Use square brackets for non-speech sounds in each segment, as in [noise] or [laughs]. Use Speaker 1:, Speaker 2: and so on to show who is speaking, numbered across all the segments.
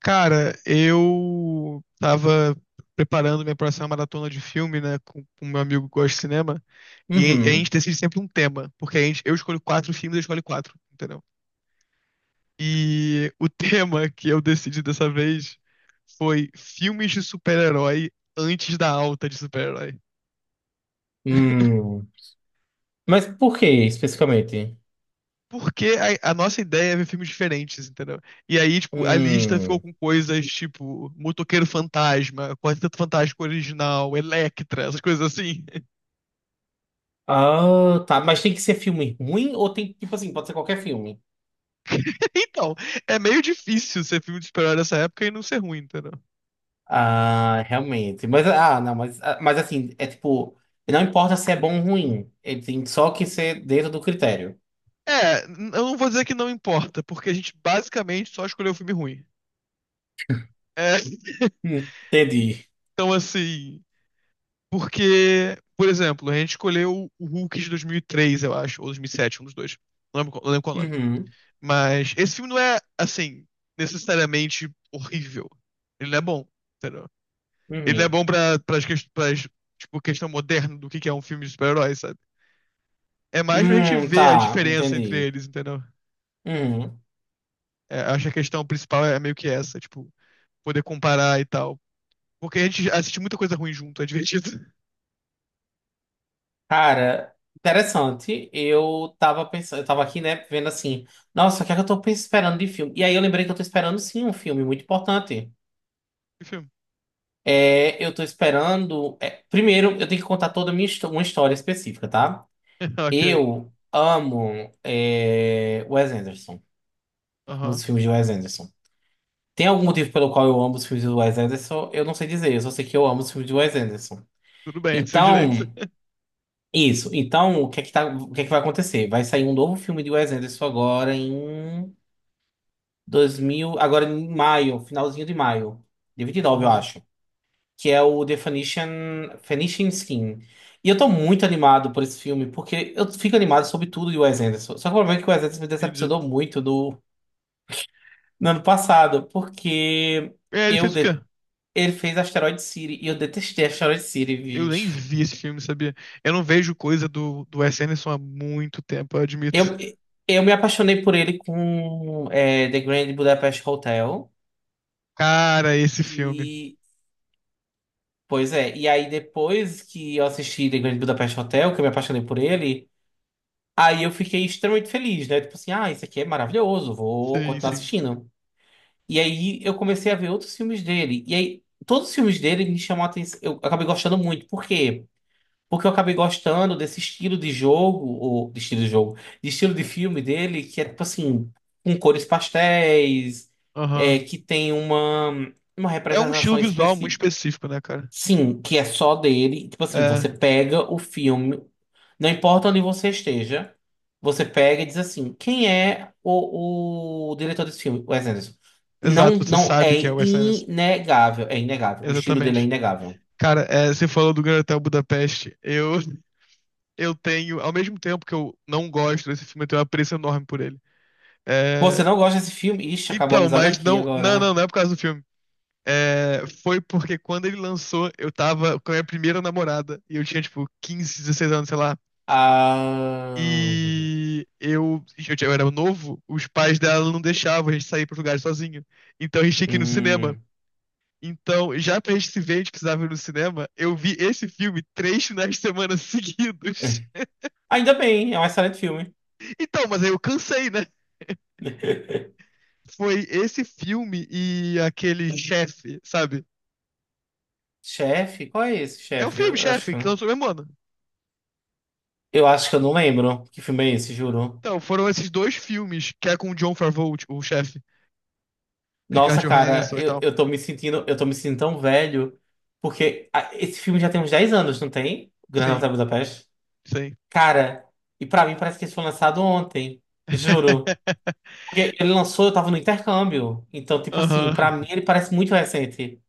Speaker 1: Cara, eu tava preparando minha próxima maratona de filme, né, com o meu amigo que gosta de cinema, e a gente
Speaker 2: Uhum.
Speaker 1: decide sempre um tema, porque a gente, eu escolho quatro filmes, ele escolhe quatro, entendeu? E o [laughs] tema que eu decidi dessa vez foi filmes de super-herói antes da alta de super-herói.
Speaker 2: Hum. Mas por que especificamente?
Speaker 1: Porque a nossa ideia é ver filmes diferentes, entendeu? E aí, tipo, a lista ficou
Speaker 2: Hum.
Speaker 1: com coisas tipo Motoqueiro Fantasma, Quarteto Fantástico Original, Elektra, essas coisas assim.
Speaker 2: Ah, tá. Mas tem que ser filme ruim ou tem, tipo assim, pode ser qualquer filme?
Speaker 1: [laughs] Então, é meio difícil ser filme de super-herói nessa época e não ser ruim, entendeu?
Speaker 2: Ah, realmente. Mas, ah, não, mas, ah, mas assim, é tipo, não importa se é bom ou ruim, ele tem só que ser dentro do critério.
Speaker 1: É, eu não vou dizer que não importa, porque a gente basicamente só escolheu um filme ruim. É, [laughs]
Speaker 2: Hum, entendi.
Speaker 1: então assim, porque, por exemplo, a gente escolheu o Hulk de 2003, eu acho, ou 2007, um dos dois. Não lembro, não lembro qual é o nome.
Speaker 2: Uhum,
Speaker 1: Mas esse filme não é, assim, necessariamente horrível. Ele não é bom, entendeu? Ele não é
Speaker 2: uhum.
Speaker 1: bom pras, tipo, questão moderna do que é um filme de super-herói, sabe? É mais pra gente ver a
Speaker 2: Tá,
Speaker 1: diferença entre
Speaker 2: entendi.
Speaker 1: eles, entendeu?
Speaker 2: Uhum.
Speaker 1: É, acho que a questão principal é meio que essa, tipo, poder comparar e tal. Porque a gente assiste muita coisa ruim junto, é divertido. [laughs]
Speaker 2: Cara, interessante. Eu tava pensando, eu tava aqui, né, vendo assim, nossa, o que é que esperando de filme? E aí eu lembrei que eu tô esperando sim um filme muito importante.
Speaker 1: Que filme?
Speaker 2: É, eu tô esperando. É, primeiro, eu tenho que contar toda a uma história específica, tá?
Speaker 1: [laughs] Ok.
Speaker 2: Eu amo Wes Anderson. Eu amo
Speaker 1: Aham.
Speaker 2: os filmes de Wes Anderson. Tem algum motivo pelo qual eu amo os filmes de Wes Anderson? Eu não sei dizer, eu só sei que eu amo os filmes de Wes Anderson.
Speaker 1: Tudo bem, é seu direito.
Speaker 2: Então.
Speaker 1: [laughs]
Speaker 2: Isso. Então, o que é que tá, o que é que vai acontecer? Vai sair um novo filme de Wes Anderson agora em agora em maio, finalzinho de maio, de 29, eu
Speaker 1: Aham.
Speaker 2: acho, que é o The Phoenician, Phoenician Skin. E eu tô muito animado por esse filme, porque eu fico animado sobre tudo de Wes Anderson. Só que o problema é que o Wes Anderson me
Speaker 1: Entendi.
Speaker 2: decepcionou muito no ano passado, porque
Speaker 1: É, ele
Speaker 2: eu
Speaker 1: fez o quê?
Speaker 2: de- ele fez Asteroid City e eu detestei Asteroid City,
Speaker 1: Eu nem
Speaker 2: gente.
Speaker 1: vi esse filme, sabia? Eu não vejo coisa do Wes Anderson há muito tempo, eu admito.
Speaker 2: Eu, eu me apaixonei por ele com The Grand Budapest Hotel.
Speaker 1: Cara, esse filme.
Speaker 2: E, pois é, e aí depois que eu assisti The Grand Budapest Hotel, que eu me apaixonei por ele, aí eu fiquei extremamente feliz, né? Tipo assim, ah, isso aqui é maravilhoso, vou
Speaker 1: Sim,
Speaker 2: continuar
Speaker 1: sim.
Speaker 2: assistindo. E aí eu comecei a ver outros filmes dele. E aí, todos os filmes dele me chamam a atenção, eu acabei gostando muito. Por quê? Porque eu acabei gostando desse estilo de jogo, ou de estilo de jogo, de estilo de filme dele, que é tipo assim, com cores pastéis, é,
Speaker 1: Aham.
Speaker 2: que tem uma
Speaker 1: É um
Speaker 2: representação
Speaker 1: estilo visual muito
Speaker 2: específica.
Speaker 1: específico, né, cara?
Speaker 2: Sim, que é só dele. Tipo assim,
Speaker 1: É.
Speaker 2: você pega o filme, não importa onde você esteja, você pega e diz assim: quem é o diretor desse filme? Wes Anderson. Não,
Speaker 1: Exato, você
Speaker 2: não, é
Speaker 1: sabe que é o Wes Anderson.
Speaker 2: inegável, é inegável. O estilo dele é
Speaker 1: Exatamente.
Speaker 2: inegável.
Speaker 1: Cara, é, você falou do Grand Hotel Budapeste. Eu tenho, ao mesmo tempo que eu não gosto desse filme, eu tenho um apreço enorme por ele.
Speaker 2: Pô, você
Speaker 1: É,
Speaker 2: não gosta desse filme? Ixi, acabou a
Speaker 1: então,
Speaker 2: amizade
Speaker 1: mas
Speaker 2: aqui
Speaker 1: não, não, não,
Speaker 2: agora.
Speaker 1: não é por causa do filme. É, foi porque quando ele lançou, eu tava com a minha primeira namorada e eu tinha tipo 15, 16 anos, sei lá.
Speaker 2: Ah,
Speaker 1: Eu eu era novo, os pais dela não deixavam a gente sair para lugares sozinho. Então a gente tinha que ir no cinema.
Speaker 2: hum.
Speaker 1: Então, já pra gente se ver, a gente precisava ir no cinema. Eu vi esse filme 3 finais de semana [laughs] seguidos.
Speaker 2: Ainda bem, é um excelente filme.
Speaker 1: Então, mas aí eu cansei, né?
Speaker 2: [laughs]
Speaker 1: Foi esse filme e aquele chefe, sabe?
Speaker 2: Chefe? Qual é esse,
Speaker 1: É um
Speaker 2: chefe?
Speaker 1: filme, chefe, que lançou o mesmo ano.
Speaker 2: Eu acho que eu não lembro que filme é esse, juro.
Speaker 1: Então, foram esses dois filmes, que é com o John Favreau, tipo, o chefe, Scarlett
Speaker 2: Nossa, cara,
Speaker 1: Johansson e
Speaker 2: eu,
Speaker 1: tal.
Speaker 2: eu tô me sentindo, tão velho, porque ah, esse filme já tem uns 10 anos, não tem? Grande
Speaker 1: Sim,
Speaker 2: Hotel Budapeste.
Speaker 1: sim.
Speaker 2: Cara, e pra mim parece que esse foi lançado ontem, juro.
Speaker 1: [laughs]
Speaker 2: Porque ele lançou, eu tava no intercâmbio. Então, tipo assim, pra
Speaker 1: Aham.
Speaker 2: mim ele parece muito recente.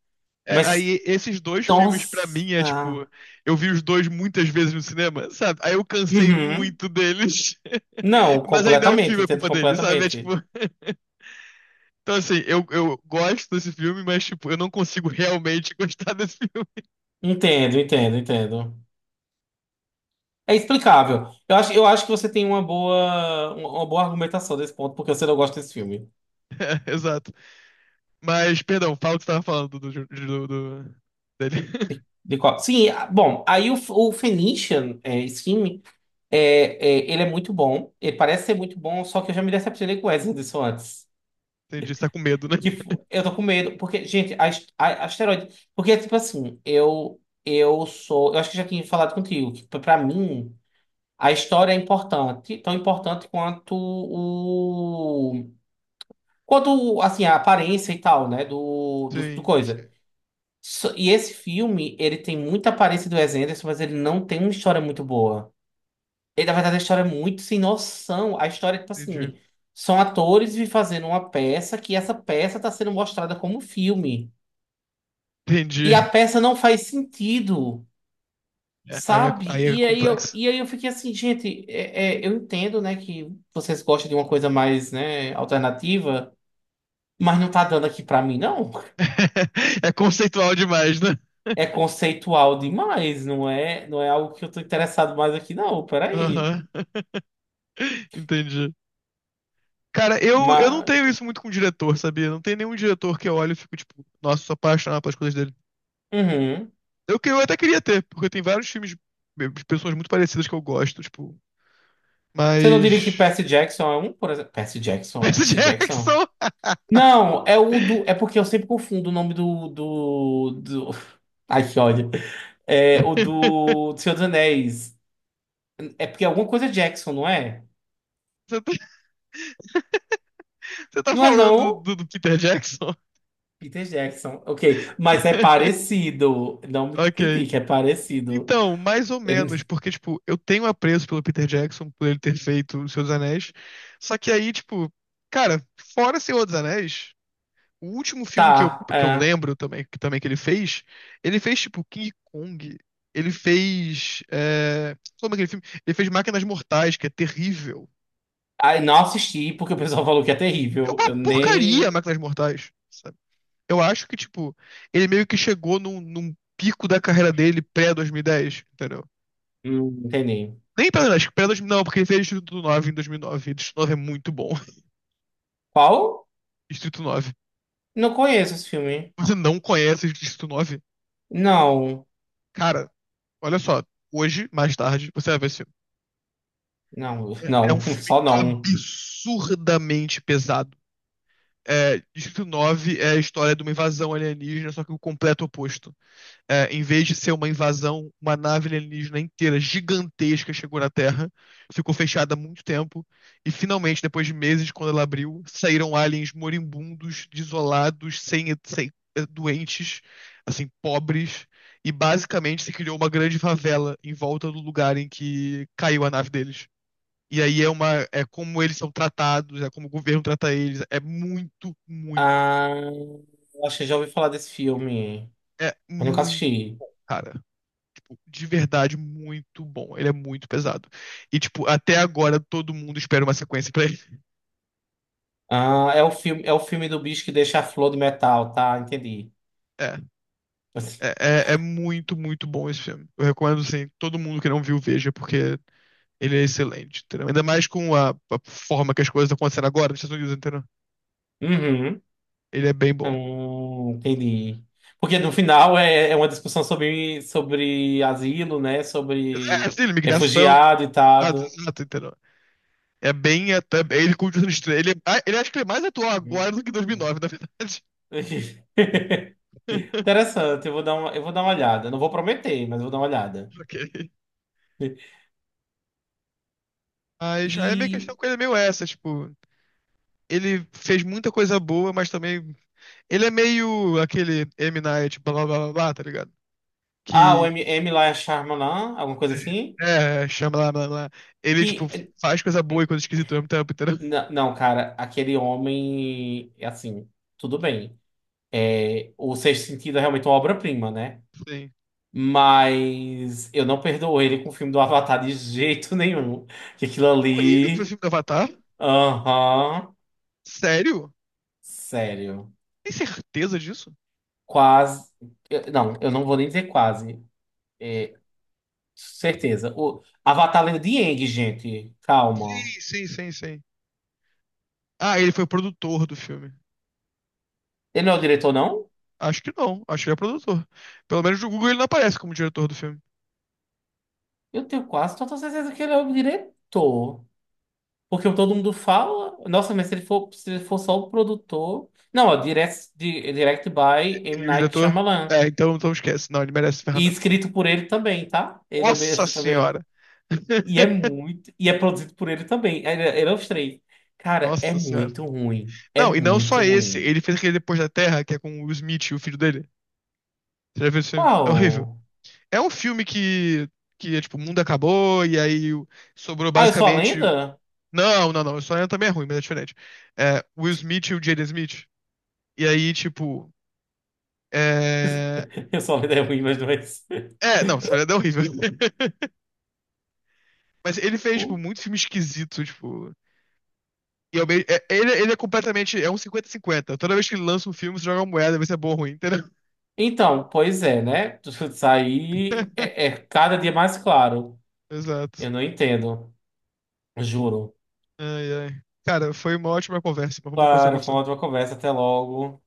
Speaker 1: É,
Speaker 2: Mas,
Speaker 1: aí esses dois filmes
Speaker 2: nossa.
Speaker 1: pra mim é tipo, eu vi os dois muitas vezes no cinema, sabe? Aí eu cansei
Speaker 2: Uhum.
Speaker 1: muito deles.
Speaker 2: Não,
Speaker 1: [laughs] Mas ainda é o filme a culpa deles, sabe? É tipo.
Speaker 2: completamente.
Speaker 1: [laughs] Então, assim, eu gosto desse filme, mas, tipo, eu não consigo realmente [laughs] gostar desse filme.
Speaker 2: Entendo, entendo, entendo. É explicável. Eu acho que você tem uma boa argumentação desse ponto, porque você não gosta desse filme.
Speaker 1: [laughs] É, exato. Mas, perdão, fala o que você tava falando do dele. [laughs]
Speaker 2: De qual... Sim, ah, bom, aí o, o Phoenician, é, esse filme, é, ele é muito bom. Ele parece ser muito bom, só que eu já me decepcionei com o Wes Anderson antes.
Speaker 1: Entendi, você tá com medo, né?
Speaker 2: Que f-
Speaker 1: [laughs]
Speaker 2: eu tô com medo, porque, gente, asteroide. Porque, tipo assim, eu sou. Eu acho que já tinha falado contigo, que pra mim. A história é importante, tão importante quanto o quanto assim a aparência e tal, né, do do
Speaker 1: Sim, sim,
Speaker 2: coisa. E esse filme, ele tem muita aparência do Wes Anderson, mas ele não tem uma história muito boa. Ele, na verdade, a história é muito sem noção. A história é tipo
Speaker 1: entendi.
Speaker 2: assim, são atores fazendo uma peça que essa peça está sendo mostrada como filme. E a
Speaker 1: Entendi.
Speaker 2: peça não faz sentido.
Speaker 1: É, aí, é,
Speaker 2: Sabe?
Speaker 1: aí é complexo.
Speaker 2: E aí eu fiquei assim, gente, eu entendo, né, que vocês gostam de uma coisa mais, né, alternativa, mas não tá dando aqui pra mim, não.
Speaker 1: [laughs] É conceitual demais, né?
Speaker 2: É conceitual demais, não é algo que eu tô interessado mais aqui, não. Peraí.
Speaker 1: Aham. [laughs] Entendi. Cara, eu não
Speaker 2: Mas,
Speaker 1: tenho isso muito com diretor, sabia? Não tem nenhum diretor que eu olho e fico, tipo, nossa, sou apaixonado pelas coisas dele.
Speaker 2: uhum.
Speaker 1: Eu até queria ter, porque tem vários filmes de pessoas muito parecidas que eu gosto, tipo.
Speaker 2: Você não diria que
Speaker 1: Mas.
Speaker 2: Percy Jackson é um, por exemplo? Percy Jackson, é
Speaker 1: Percy
Speaker 2: Percy Jackson?
Speaker 1: Jackson!
Speaker 2: Não, é o do. É porque eu sempre confundo o nome do. [laughs] Ai, que ódio. É o
Speaker 1: [laughs]
Speaker 2: do Senhor dos Anéis. É porque é alguma coisa Jackson, não é?
Speaker 1: Você tá, você tá
Speaker 2: Não é
Speaker 1: falando
Speaker 2: não?
Speaker 1: do Peter Jackson?
Speaker 2: Peter Jackson, ok. Mas é
Speaker 1: [laughs]
Speaker 2: parecido. Não me
Speaker 1: Ok.
Speaker 2: critique, é parecido.
Speaker 1: Então, mais ou menos,
Speaker 2: Ele-
Speaker 1: porque, tipo, eu tenho apreço pelo Peter Jackson, por ele ter feito Os Seus Anéis. Só que aí, tipo, cara, fora Senhor dos Anéis. O último filme que eu,
Speaker 2: Tá,
Speaker 1: que eu
Speaker 2: é.
Speaker 1: lembro também que ele fez tipo King Kong, ele fez. É... Como é aquele filme? Ele fez Máquinas Mortais, que é terrível.
Speaker 2: Ai, não assisti porque o pessoal falou que é
Speaker 1: É
Speaker 2: terrível.
Speaker 1: uma
Speaker 2: Eu
Speaker 1: porcaria
Speaker 2: nem.
Speaker 1: Máquinas Mortais, sabe? Eu acho que, tipo, ele meio que chegou num pico da carreira dele pré-2010, entendeu?
Speaker 2: Não entendi.
Speaker 1: Nem pré-2010, pré-2009, não, porque ele fez Distrito 9 em 2009. E nove. E Distrito 9 é muito bom. [laughs]
Speaker 2: Qual?
Speaker 1: Distrito 9.
Speaker 2: Não conheço esse filme.
Speaker 1: Você não conhece Distrito 9?
Speaker 2: Não,
Speaker 1: Cara, olha só. Hoje, mais tarde, você vai ver esse.
Speaker 2: não,
Speaker 1: É um
Speaker 2: não, [laughs]
Speaker 1: filme
Speaker 2: só não.
Speaker 1: absurdamente pesado. É, Distrito 9 é a história de uma invasão alienígena, só que o completo oposto. É, em vez de ser uma invasão, uma nave alienígena inteira, gigantesca, chegou na Terra, ficou fechada há muito tempo, e finalmente, depois de meses, quando ela abriu, saíram aliens moribundos, desolados, sem doentes, assim, pobres, e basicamente se criou uma grande favela em volta do lugar em que caiu a nave deles. E aí é uma, é como eles são tratados, é como o governo trata eles. É muito, muito,
Speaker 2: Ah, eu acho que já ouvi falar desse filme.
Speaker 1: é
Speaker 2: Eu nunca
Speaker 1: muito,
Speaker 2: assisti.
Speaker 1: cara, tipo, de verdade muito bom. Ele é muito pesado. E tipo, até agora todo mundo espera uma sequência pra ele.
Speaker 2: Ah, é o filme do bicho que deixa a flor de metal, tá? Entendi.
Speaker 1: É, é,
Speaker 2: [laughs]
Speaker 1: é, é muito, muito bom esse filme. Eu recomendo assim, todo mundo que não viu veja, porque ele é excelente, entendeu? Ainda mais com a forma que as coisas estão acontecendo agora nos Estados Unidos, entendeu?
Speaker 2: Uhum.
Speaker 1: Ele é bem bom.
Speaker 2: Entendi. Porque no final é uma discussão sobre, sobre asilo, né?
Speaker 1: É,
Speaker 2: Sobre
Speaker 1: assim, imigração,
Speaker 2: refugiado e
Speaker 1: ah,
Speaker 2: tal.
Speaker 1: exato, entendeu? É bem. Ele continua sendo estranho. Ele, ah, ele acho que ele é mais atual
Speaker 2: Hum.
Speaker 1: agora do que em
Speaker 2: Hum.
Speaker 1: 2009, na verdade.
Speaker 2: [laughs]
Speaker 1: [laughs]
Speaker 2: Interessante, eu vou dar uma, eu vou dar uma olhada. Não vou prometer, mas vou dar uma olhada.
Speaker 1: Ok. Mas aí a minha
Speaker 2: E.
Speaker 1: questão com ele é meio essa, tipo. Ele fez muita coisa boa, mas também. Ele é meio aquele M. Night, blá blá blá blá, blá, tá ligado?
Speaker 2: Ah, o
Speaker 1: Que.
Speaker 2: M, M. lá é Shyamalan, alguma coisa assim.
Speaker 1: É, chama lá, blá blá. Ele, tipo,
Speaker 2: Que.
Speaker 1: faz coisa boa e coisa esquisita ao mesmo tempo, entendeu?
Speaker 2: Não, cara, aquele homem. É assim, tudo bem. É, o Sexto Sentido é realmente uma obra-prima, né?
Speaker 1: Sim.
Speaker 2: Mas eu não perdoo ele com o filme do Avatar de jeito nenhum. Que aquilo
Speaker 1: Pô, ele que foi o
Speaker 2: ali.
Speaker 1: filme do Avatar?
Speaker 2: Aham.
Speaker 1: Sério?
Speaker 2: Sério.
Speaker 1: Tem certeza disso?
Speaker 2: Quase. Não, eu não vou nem dizer quase. É, certeza. O Avatar Lenda de Aang, gente. Calma.
Speaker 1: Sim, sim, sim, sim. Ah, ele foi o produtor do filme.
Speaker 2: Ele não é o diretor, não?
Speaker 1: Acho que não, acho que ele é produtor. Pelo menos no Google ele não aparece como diretor do filme.
Speaker 2: Eu tenho quase toda certeza que ele é o diretor. Porque todo mundo fala. Nossa, mas se ele for, só o produtor. Não, ó, direct by M.
Speaker 1: Ele é o
Speaker 2: Night
Speaker 1: diretor.
Speaker 2: Shyamalan.
Speaker 1: É, então, então esquece. Não, ele merece
Speaker 2: E
Speaker 1: ferramenta.
Speaker 2: escrito por ele também, tá? Ele é o
Speaker 1: Nossa
Speaker 2: mesmo também. [laughs]
Speaker 1: senhora!
Speaker 2: E é
Speaker 1: [laughs]
Speaker 2: muito. E é produzido por ele também. Ele é os três. Cara, é
Speaker 1: Nossa senhora.
Speaker 2: muito ruim. É
Speaker 1: Não, e não
Speaker 2: muito
Speaker 1: só esse.
Speaker 2: ruim.
Speaker 1: Ele fez aquele Depois da Terra, que é com o Will Smith e o filho dele. Você já viu esse filme? É horrível.
Speaker 2: Qual?
Speaker 1: É um filme que é tipo, o mundo acabou e aí sobrou
Speaker 2: Ah, eu sou a
Speaker 1: basicamente.
Speaker 2: lenda?
Speaker 1: Não, não, não. O sonho também é ruim, mas é diferente. É, o Will Smith e o Jaden Smith. E aí, tipo. É.
Speaker 2: [laughs] Eu sou a lenda é ruim, mas não é isso.
Speaker 1: É, não, Sonhando é horrível. [laughs] Mas ele fez, tipo,
Speaker 2: [laughs]
Speaker 1: muito filme esquisito, tipo. E ao mesmo- é- ele é completamente. É um 50 50. Toda vez que ele lança um filme, você joga uma moeda, vê se é bom ou ruim, entendeu?
Speaker 2: Então, pois é, né? [laughs] Isso aí
Speaker 1: [laughs]
Speaker 2: é, é cada dia mais claro.
Speaker 1: Exato.
Speaker 2: Eu não entendo. Juro.
Speaker 1: Ai, ai. Cara, foi uma ótima conversa, mas vamos conversar
Speaker 2: Claro,
Speaker 1: com
Speaker 2: foi
Speaker 1: você.
Speaker 2: uma ótima conversa. Até logo.